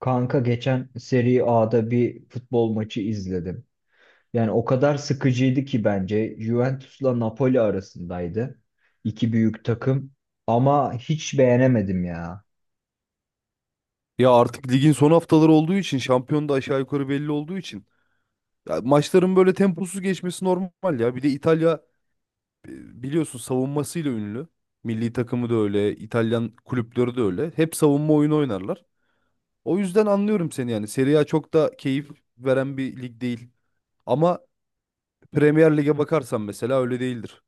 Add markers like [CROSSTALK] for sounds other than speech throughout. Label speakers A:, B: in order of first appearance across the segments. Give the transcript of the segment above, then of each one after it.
A: Kanka geçen Serie A'da bir futbol maçı izledim. Yani o kadar sıkıcıydı ki bence. Juventus'la Napoli arasındaydı. İki büyük takım. Ama hiç beğenemedim ya.
B: Ya artık ligin son haftaları olduğu için şampiyon da aşağı yukarı belli olduğu için ya maçların böyle temposuz geçmesi normal ya. Bir de İtalya, biliyorsun savunmasıyla ünlü. Milli takımı da öyle, İtalyan kulüpleri de öyle. Hep savunma oyunu oynarlar. O yüzden anlıyorum seni yani. Serie A çok da keyif veren bir lig değil. Ama Premier Lig'e bakarsan mesela öyle değildir.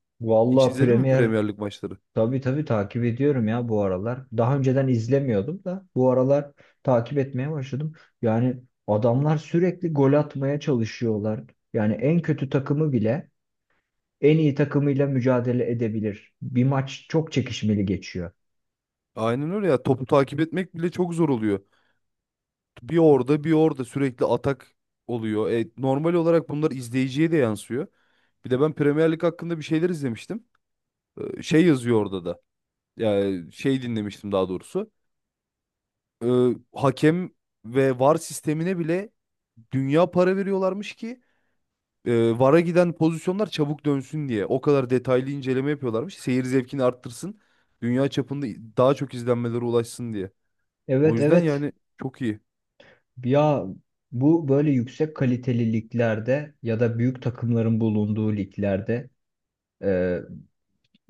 B: Hiç
A: Vallahi
B: izledin mi
A: Premier
B: Premier Lig maçları?
A: tabii takip ediyorum ya bu aralar. Daha önceden izlemiyordum da bu aralar takip etmeye başladım. Yani adamlar sürekli gol atmaya çalışıyorlar. Yani en kötü takımı bile en iyi takımıyla mücadele edebilir. Bir maç çok çekişmeli geçiyor.
B: Aynen öyle ya. Topu takip etmek bile çok zor oluyor. Bir orada bir orada sürekli atak oluyor. Normal olarak bunlar izleyiciye de yansıyor. Bir de ben Premier Lig hakkında bir şeyler izlemiştim. Şey yazıyor orada da. Yani şey dinlemiştim daha doğrusu. E, Hakem ve VAR sistemine bile dünya para veriyorlarmış ki, VAR'a giden pozisyonlar çabuk dönsün diye. O kadar detaylı inceleme yapıyorlarmış. Seyir zevkini arttırsın. Dünya çapında daha çok izlenmelere ulaşsın diye. O
A: Evet,
B: yüzden
A: evet.
B: yani çok iyi.
A: Ya bu böyle yüksek kaliteli liglerde ya da büyük takımların bulunduğu liglerde e,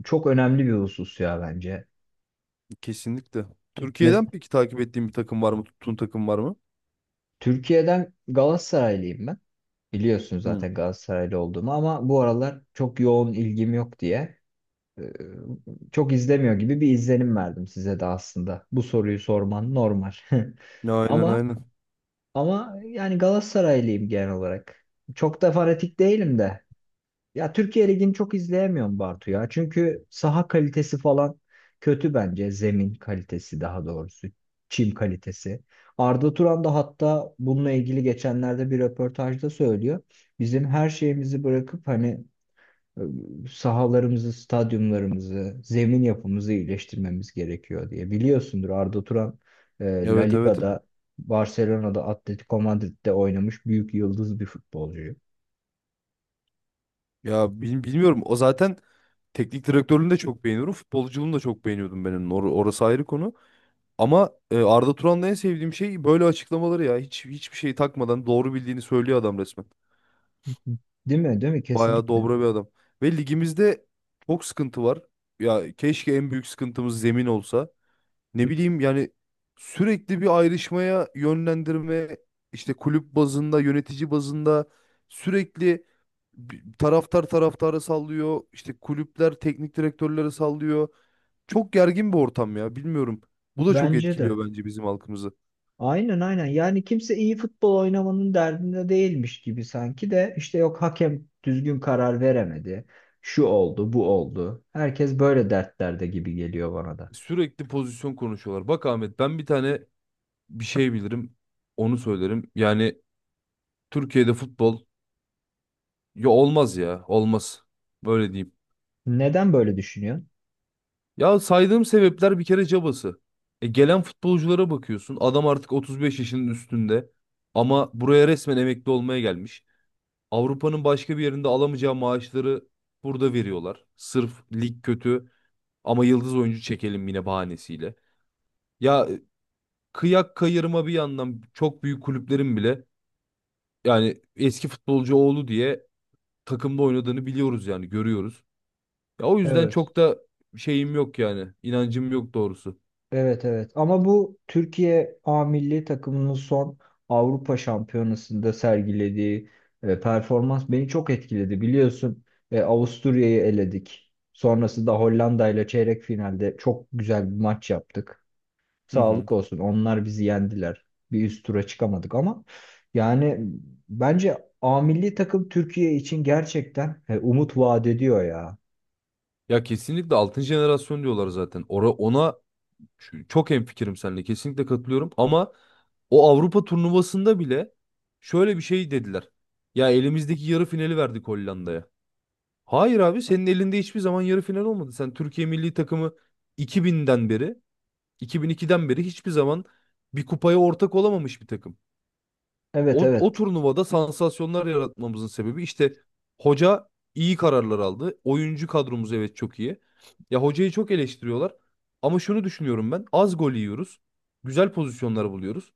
A: çok önemli bir husus ya bence.
B: Kesinlikle.
A: Mes
B: Türkiye'den peki takip ettiğin bir takım var mı? Tuttuğun takım var mı?
A: Türkiye'den Galatasaraylıyım ben. Biliyorsun
B: Hı.
A: zaten Galatasaraylı olduğumu ama bu aralar çok yoğun ilgim yok diye e, çok izlemiyor gibi bir izlenim verdim size de aslında. Bu soruyu sorman normal. [LAUGHS]
B: Aynen
A: Ama
B: aynen.
A: ama yani Galatasaraylıyım genel olarak. Çok da fanatik değilim de. Ya Türkiye Ligi'ni çok izleyemiyorum Bartu ya. Çünkü saha kalitesi falan kötü bence. Zemin kalitesi daha doğrusu. Çim kalitesi. Arda Turan da hatta bununla ilgili geçenlerde bir röportajda söylüyor. Bizim her şeyimizi bırakıp hani e, sahalarımızı, stadyumlarımızı, zemin yapımızı iyileştirmemiz gerekiyor diye. Biliyorsundur Arda Turan La
B: Evet evet.
A: Liga'da, Barcelona'da, Atletico Madrid'de oynamış büyük yıldız bir futbolcu.
B: Ya bilmiyorum. O zaten teknik direktörlüğünü de çok beğeniyorum. Futbolculuğunu da çok beğeniyordum benim. Orası ayrı konu. Ama, Arda Turan'da en sevdiğim şey böyle açıklamaları ya. Hiçbir şey takmadan doğru bildiğini söylüyor adam resmen.
A: Değil mi? Değil mi?
B: Bayağı
A: Kesinlikle.
B: dobra bir adam. Ve ligimizde çok sıkıntı var. Ya keşke en büyük sıkıntımız zemin olsa. Ne bileyim yani sürekli bir ayrışmaya yönlendirme işte kulüp bazında, yönetici bazında sürekli taraftar taraftarı sallıyor, işte kulüpler teknik direktörleri sallıyor. Çok gergin bir ortam ya bilmiyorum. Bu da çok
A: Bence de.
B: etkiliyor bence bizim halkımızı.
A: Aynen, aynen. Yani kimse iyi futbol oynamanın derdinde değilmiş gibi sanki de işte yok hakem düzgün karar veremedi. Şu oldu, bu oldu. Herkes böyle dertlerde gibi geliyor bana da.
B: Sürekli pozisyon konuşuyorlar. Bak Ahmet, ben bir tane bir şey bilirim. Onu söylerim. Yani Türkiye'de futbol ya olmaz ya. Olmaz. Böyle diyeyim.
A: Neden böyle düşünüyorsun?
B: Ya saydığım sebepler bir kere cabası. Gelen futbolculara bakıyorsun. Adam artık 35 yaşının üstünde. Ama buraya resmen emekli olmaya gelmiş. Avrupa'nın başka bir yerinde alamayacağı maaşları burada veriyorlar. Sırf lig kötü ama yıldız oyuncu çekelim yine bahanesiyle. Ya e, Kıyak kayırma bir yandan çok büyük kulüplerin bile yani eski futbolcu oğlu diye takımda oynadığını biliyoruz yani görüyoruz. Ya o yüzden
A: Evet.
B: çok da şeyim yok yani. İnancım yok doğrusu.
A: Evet, evet. Ama bu Türkiye A milli takımının son Avrupa Şampiyonası'nda sergilediği performans beni çok etkiledi. Biliyorsun Avusturya'yı eledik. Sonrasında Hollanda ile çeyrek finalde çok güzel bir maç yaptık.
B: Hı hı.
A: Sağlık olsun. Onlar bizi yendiler. Bir üst tura çıkamadık ama yani bence A milli takım Türkiye için gerçekten umut vaat ediyor ya.
B: Ya kesinlikle altın jenerasyon diyorlar zaten. Ora, ona çok hemfikirim seninle. Kesinlikle katılıyorum ama o Avrupa turnuvasında bile şöyle bir şey dediler. Ya elimizdeki yarı finali verdik Hollanda'ya. Hayır abi, senin elinde hiçbir zaman yarı final olmadı. Sen Türkiye milli takımı 2000'den beri, 2002'den beri hiçbir zaman bir kupaya ortak olamamış bir takım.
A: Evet,
B: O
A: evet.
B: turnuvada sansasyonlar yaratmamızın sebebi işte hoca iyi kararlar aldı. Oyuncu kadromuz evet çok iyi. Ya hocayı çok eleştiriyorlar. Ama şunu düşünüyorum ben. Az gol yiyoruz. Güzel pozisyonlar buluyoruz.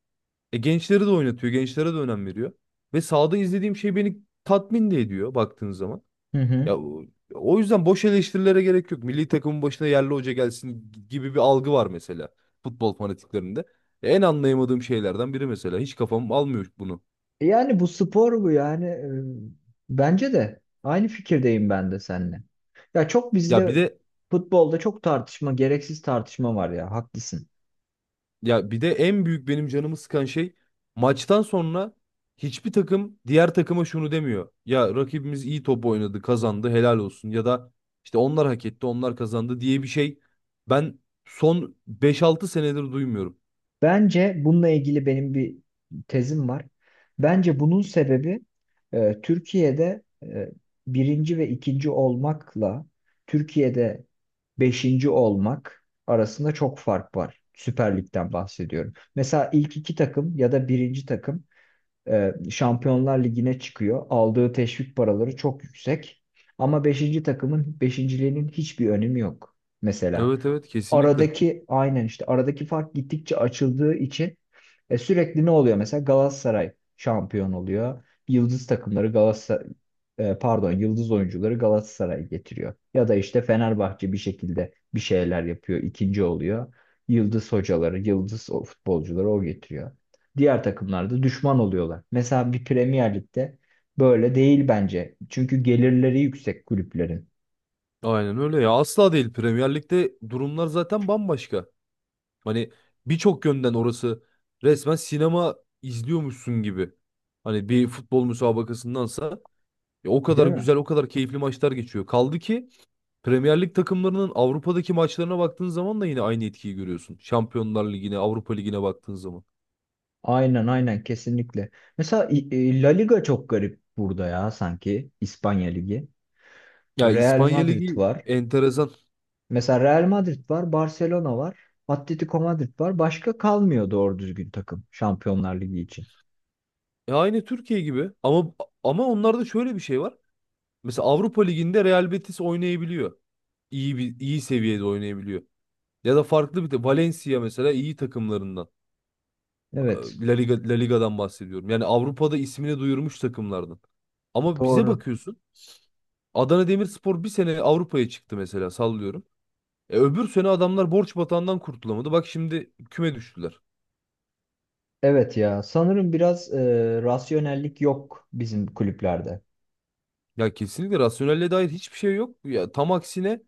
B: E gençleri de oynatıyor. Gençlere de önem veriyor. Ve sahada izlediğim şey beni tatmin de ediyor baktığın zaman.
A: Hı hı.
B: Ya o o yüzden boş eleştirilere gerek yok. Milli takımın başına yerli hoca gelsin gibi bir algı var mesela futbol fanatiklerinde. En anlayamadığım şeylerden biri mesela. Hiç kafam almıyor bunu.
A: Yani bu spor bu yani. Bence de aynı fikirdeyim ben de seninle. Ya çok
B: Ya bir
A: bizde
B: de
A: futbolda çok tartışma, gereksiz tartışma var ya. Haklısın.
B: Ya bir de en büyük benim canımı sıkan şey maçtan sonra hiçbir takım diğer takıma şunu demiyor. Ya rakibimiz iyi top oynadı, kazandı, helal olsun ya da işte onlar hak etti, onlar kazandı diye bir şey ben son beş altı senedir duymuyorum.
A: Bence bununla ilgili benim bir tezim var. Bence bunun sebebi Türkiye'de birinci ve ikinci olmakla Türkiye'de beşinci olmak arasında çok fark var. Süper Lig'den bahsediyorum. Mesela ilk iki takım ya da birinci takım Şampiyonlar Ligi'ne çıkıyor. Aldığı teşvik paraları çok yüksek. Ama beşinci takımın beşinciliğinin hiçbir önemi yok. Mesela
B: Evet evet, kesinlikle.
A: aradaki aynen işte aradaki fark gittikçe açıldığı için sürekli ne oluyor? Mesela Galatasaray şampiyon oluyor. Yıldız takımları Galatasaray pardon yıldız oyuncuları Galatasaray getiriyor. Ya da işte Fenerbahçe bir şekilde bir şeyler yapıyor, ikinci oluyor. Yıldız hocaları, yıldız o futbolcuları o getiriyor. Diğer takımlar da düşman oluyorlar. Mesela bir Premier Lig'de böyle değil bence. Çünkü gelirleri yüksek kulüplerin.
B: Aynen öyle ya. Asla değil, Premier Lig'de durumlar zaten bambaşka. Hani birçok yönden orası resmen sinema izliyormuşsun gibi. Hani bir futbol müsabakasındansa ya o kadar
A: Değil mi?
B: güzel, o kadar keyifli maçlar geçiyor. Kaldı ki Premier Lig takımlarının Avrupa'daki maçlarına baktığın zaman da yine aynı etkiyi görüyorsun. Şampiyonlar Ligi'ne, Avrupa Ligi'ne baktığın zaman.
A: Aynen, aynen, kesinlikle. Mesela La Liga çok garip burada ya sanki İspanya Ligi.
B: Ya
A: Real
B: İspanya
A: Madrid
B: Ligi
A: var.
B: enteresan.
A: Mesela Real Madrid var, Barcelona var, Atletico Madrid var. Başka kalmıyor doğru düzgün takım Şampiyonlar Ligi için.
B: Ya aynı Türkiye gibi ama onlarda şöyle bir şey var. Mesela Avrupa Ligi'nde Real Betis oynayabiliyor. İyi seviyede oynayabiliyor. Ya da farklı bir de Valencia mesela iyi takımlarından.
A: Evet,
B: La Liga'dan bahsediyorum. Yani Avrupa'da ismini duyurmuş takımlardan. Ama bize
A: doğru.
B: bakıyorsun. Adana Demirspor bir sene Avrupa'ya çıktı mesela, sallıyorum. Öbür sene adamlar borç batağından kurtulamadı. Bak şimdi küme düştüler.
A: Evet ya sanırım biraz rasyonellik yok bizim kulüplerde.
B: Ya kesinlikle rasyonelle dair hiçbir şey yok. Ya tam aksine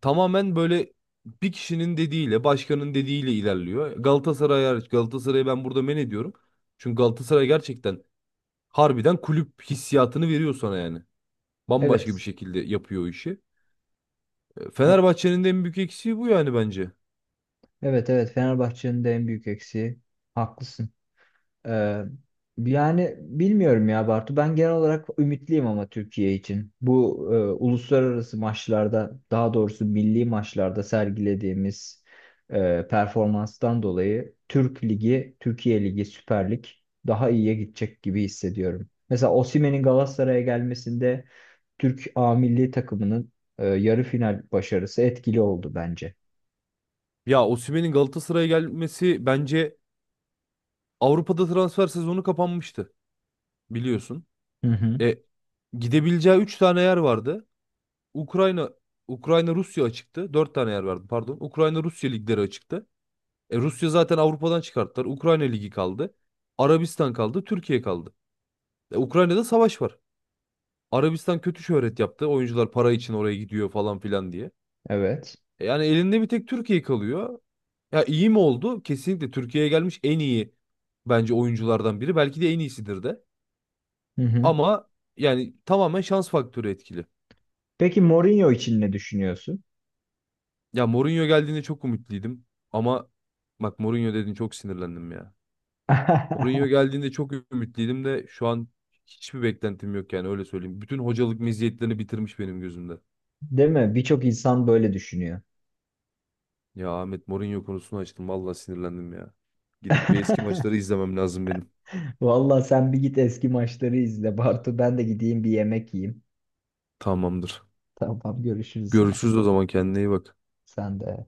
B: tamamen böyle bir kişinin dediğiyle, başkanın dediğiyle ilerliyor. Galatasaray hariç, Galatasaray'ı ben burada men ediyorum. Çünkü Galatasaray gerçekten harbiden kulüp hissiyatını veriyor sana yani. Bambaşka bir
A: Evet.
B: şekilde yapıyor o işi.
A: E-
B: Fenerbahçe'nin de en büyük eksiği bu yani bence.
A: evet, evet, Fenerbahçe'nin de en büyük eksiği. Haklısın. Ee, yani bilmiyorum ya Bartu. Ben genel olarak ümitliyim ama Türkiye için. Bu uluslararası maçlarda, daha doğrusu milli maçlarda sergilediğimiz performanstan dolayı Türk Ligi, Türkiye Ligi, Süper Lig daha iyiye gidecek gibi hissediyorum. Mesela Osimhen'in Galatasaray'a gelmesinde Türk A milli takımının yarı final başarısı etkili oldu bence.
B: Ya Osimhen'in Galatasaray'a gelmesi bence Avrupa'da transfer sezonu kapanmıştı biliyorsun.
A: Hı hı.
B: E gidebileceği 3 tane yer vardı. Ukrayna Ukrayna Rusya açıktı. 4 tane yer vardı pardon. Ukrayna Rusya ligleri açıktı. E Rusya zaten Avrupa'dan çıkarttılar. Ukrayna ligi kaldı. Arabistan kaldı, Türkiye kaldı. Ukrayna'da savaş var. Arabistan kötü şöhret yaptı. Oyuncular para için oraya gidiyor falan filan diye.
A: Evet.
B: Yani elinde bir tek Türkiye kalıyor. Ya iyi mi oldu? Kesinlikle Türkiye'ye gelmiş en iyi bence oyunculardan biri. Belki de en iyisidir de.
A: Hı hı.
B: Ama yani tamamen şans faktörü etkili.
A: Peki Mourinho için ne düşünüyorsun?
B: Ya Mourinho geldiğinde çok umutluydım. Ama bak, Mourinho dedin çok sinirlendim ya.
A: [LAUGHS]
B: Mourinho geldiğinde çok ümitliydim de şu an hiçbir beklentim yok, yani öyle söyleyeyim. Bütün hocalık meziyetlerini bitirmiş benim gözümde.
A: Değil mi? Birçok insan böyle düşünüyor.
B: Ya Ahmet, Mourinho konusunu açtım. Vallahi sinirlendim ya. Gidip bir
A: [LAUGHS]
B: eski maçları izlemem lazım benim.
A: Vallahi sen bir git eski maçları izle Bartu. Ben de gideyim bir yemek yiyeyim.
B: Tamamdır.
A: Tamam, görüşürüz yine.
B: Görüşürüz o zaman, kendine iyi bak.
A: Sen de.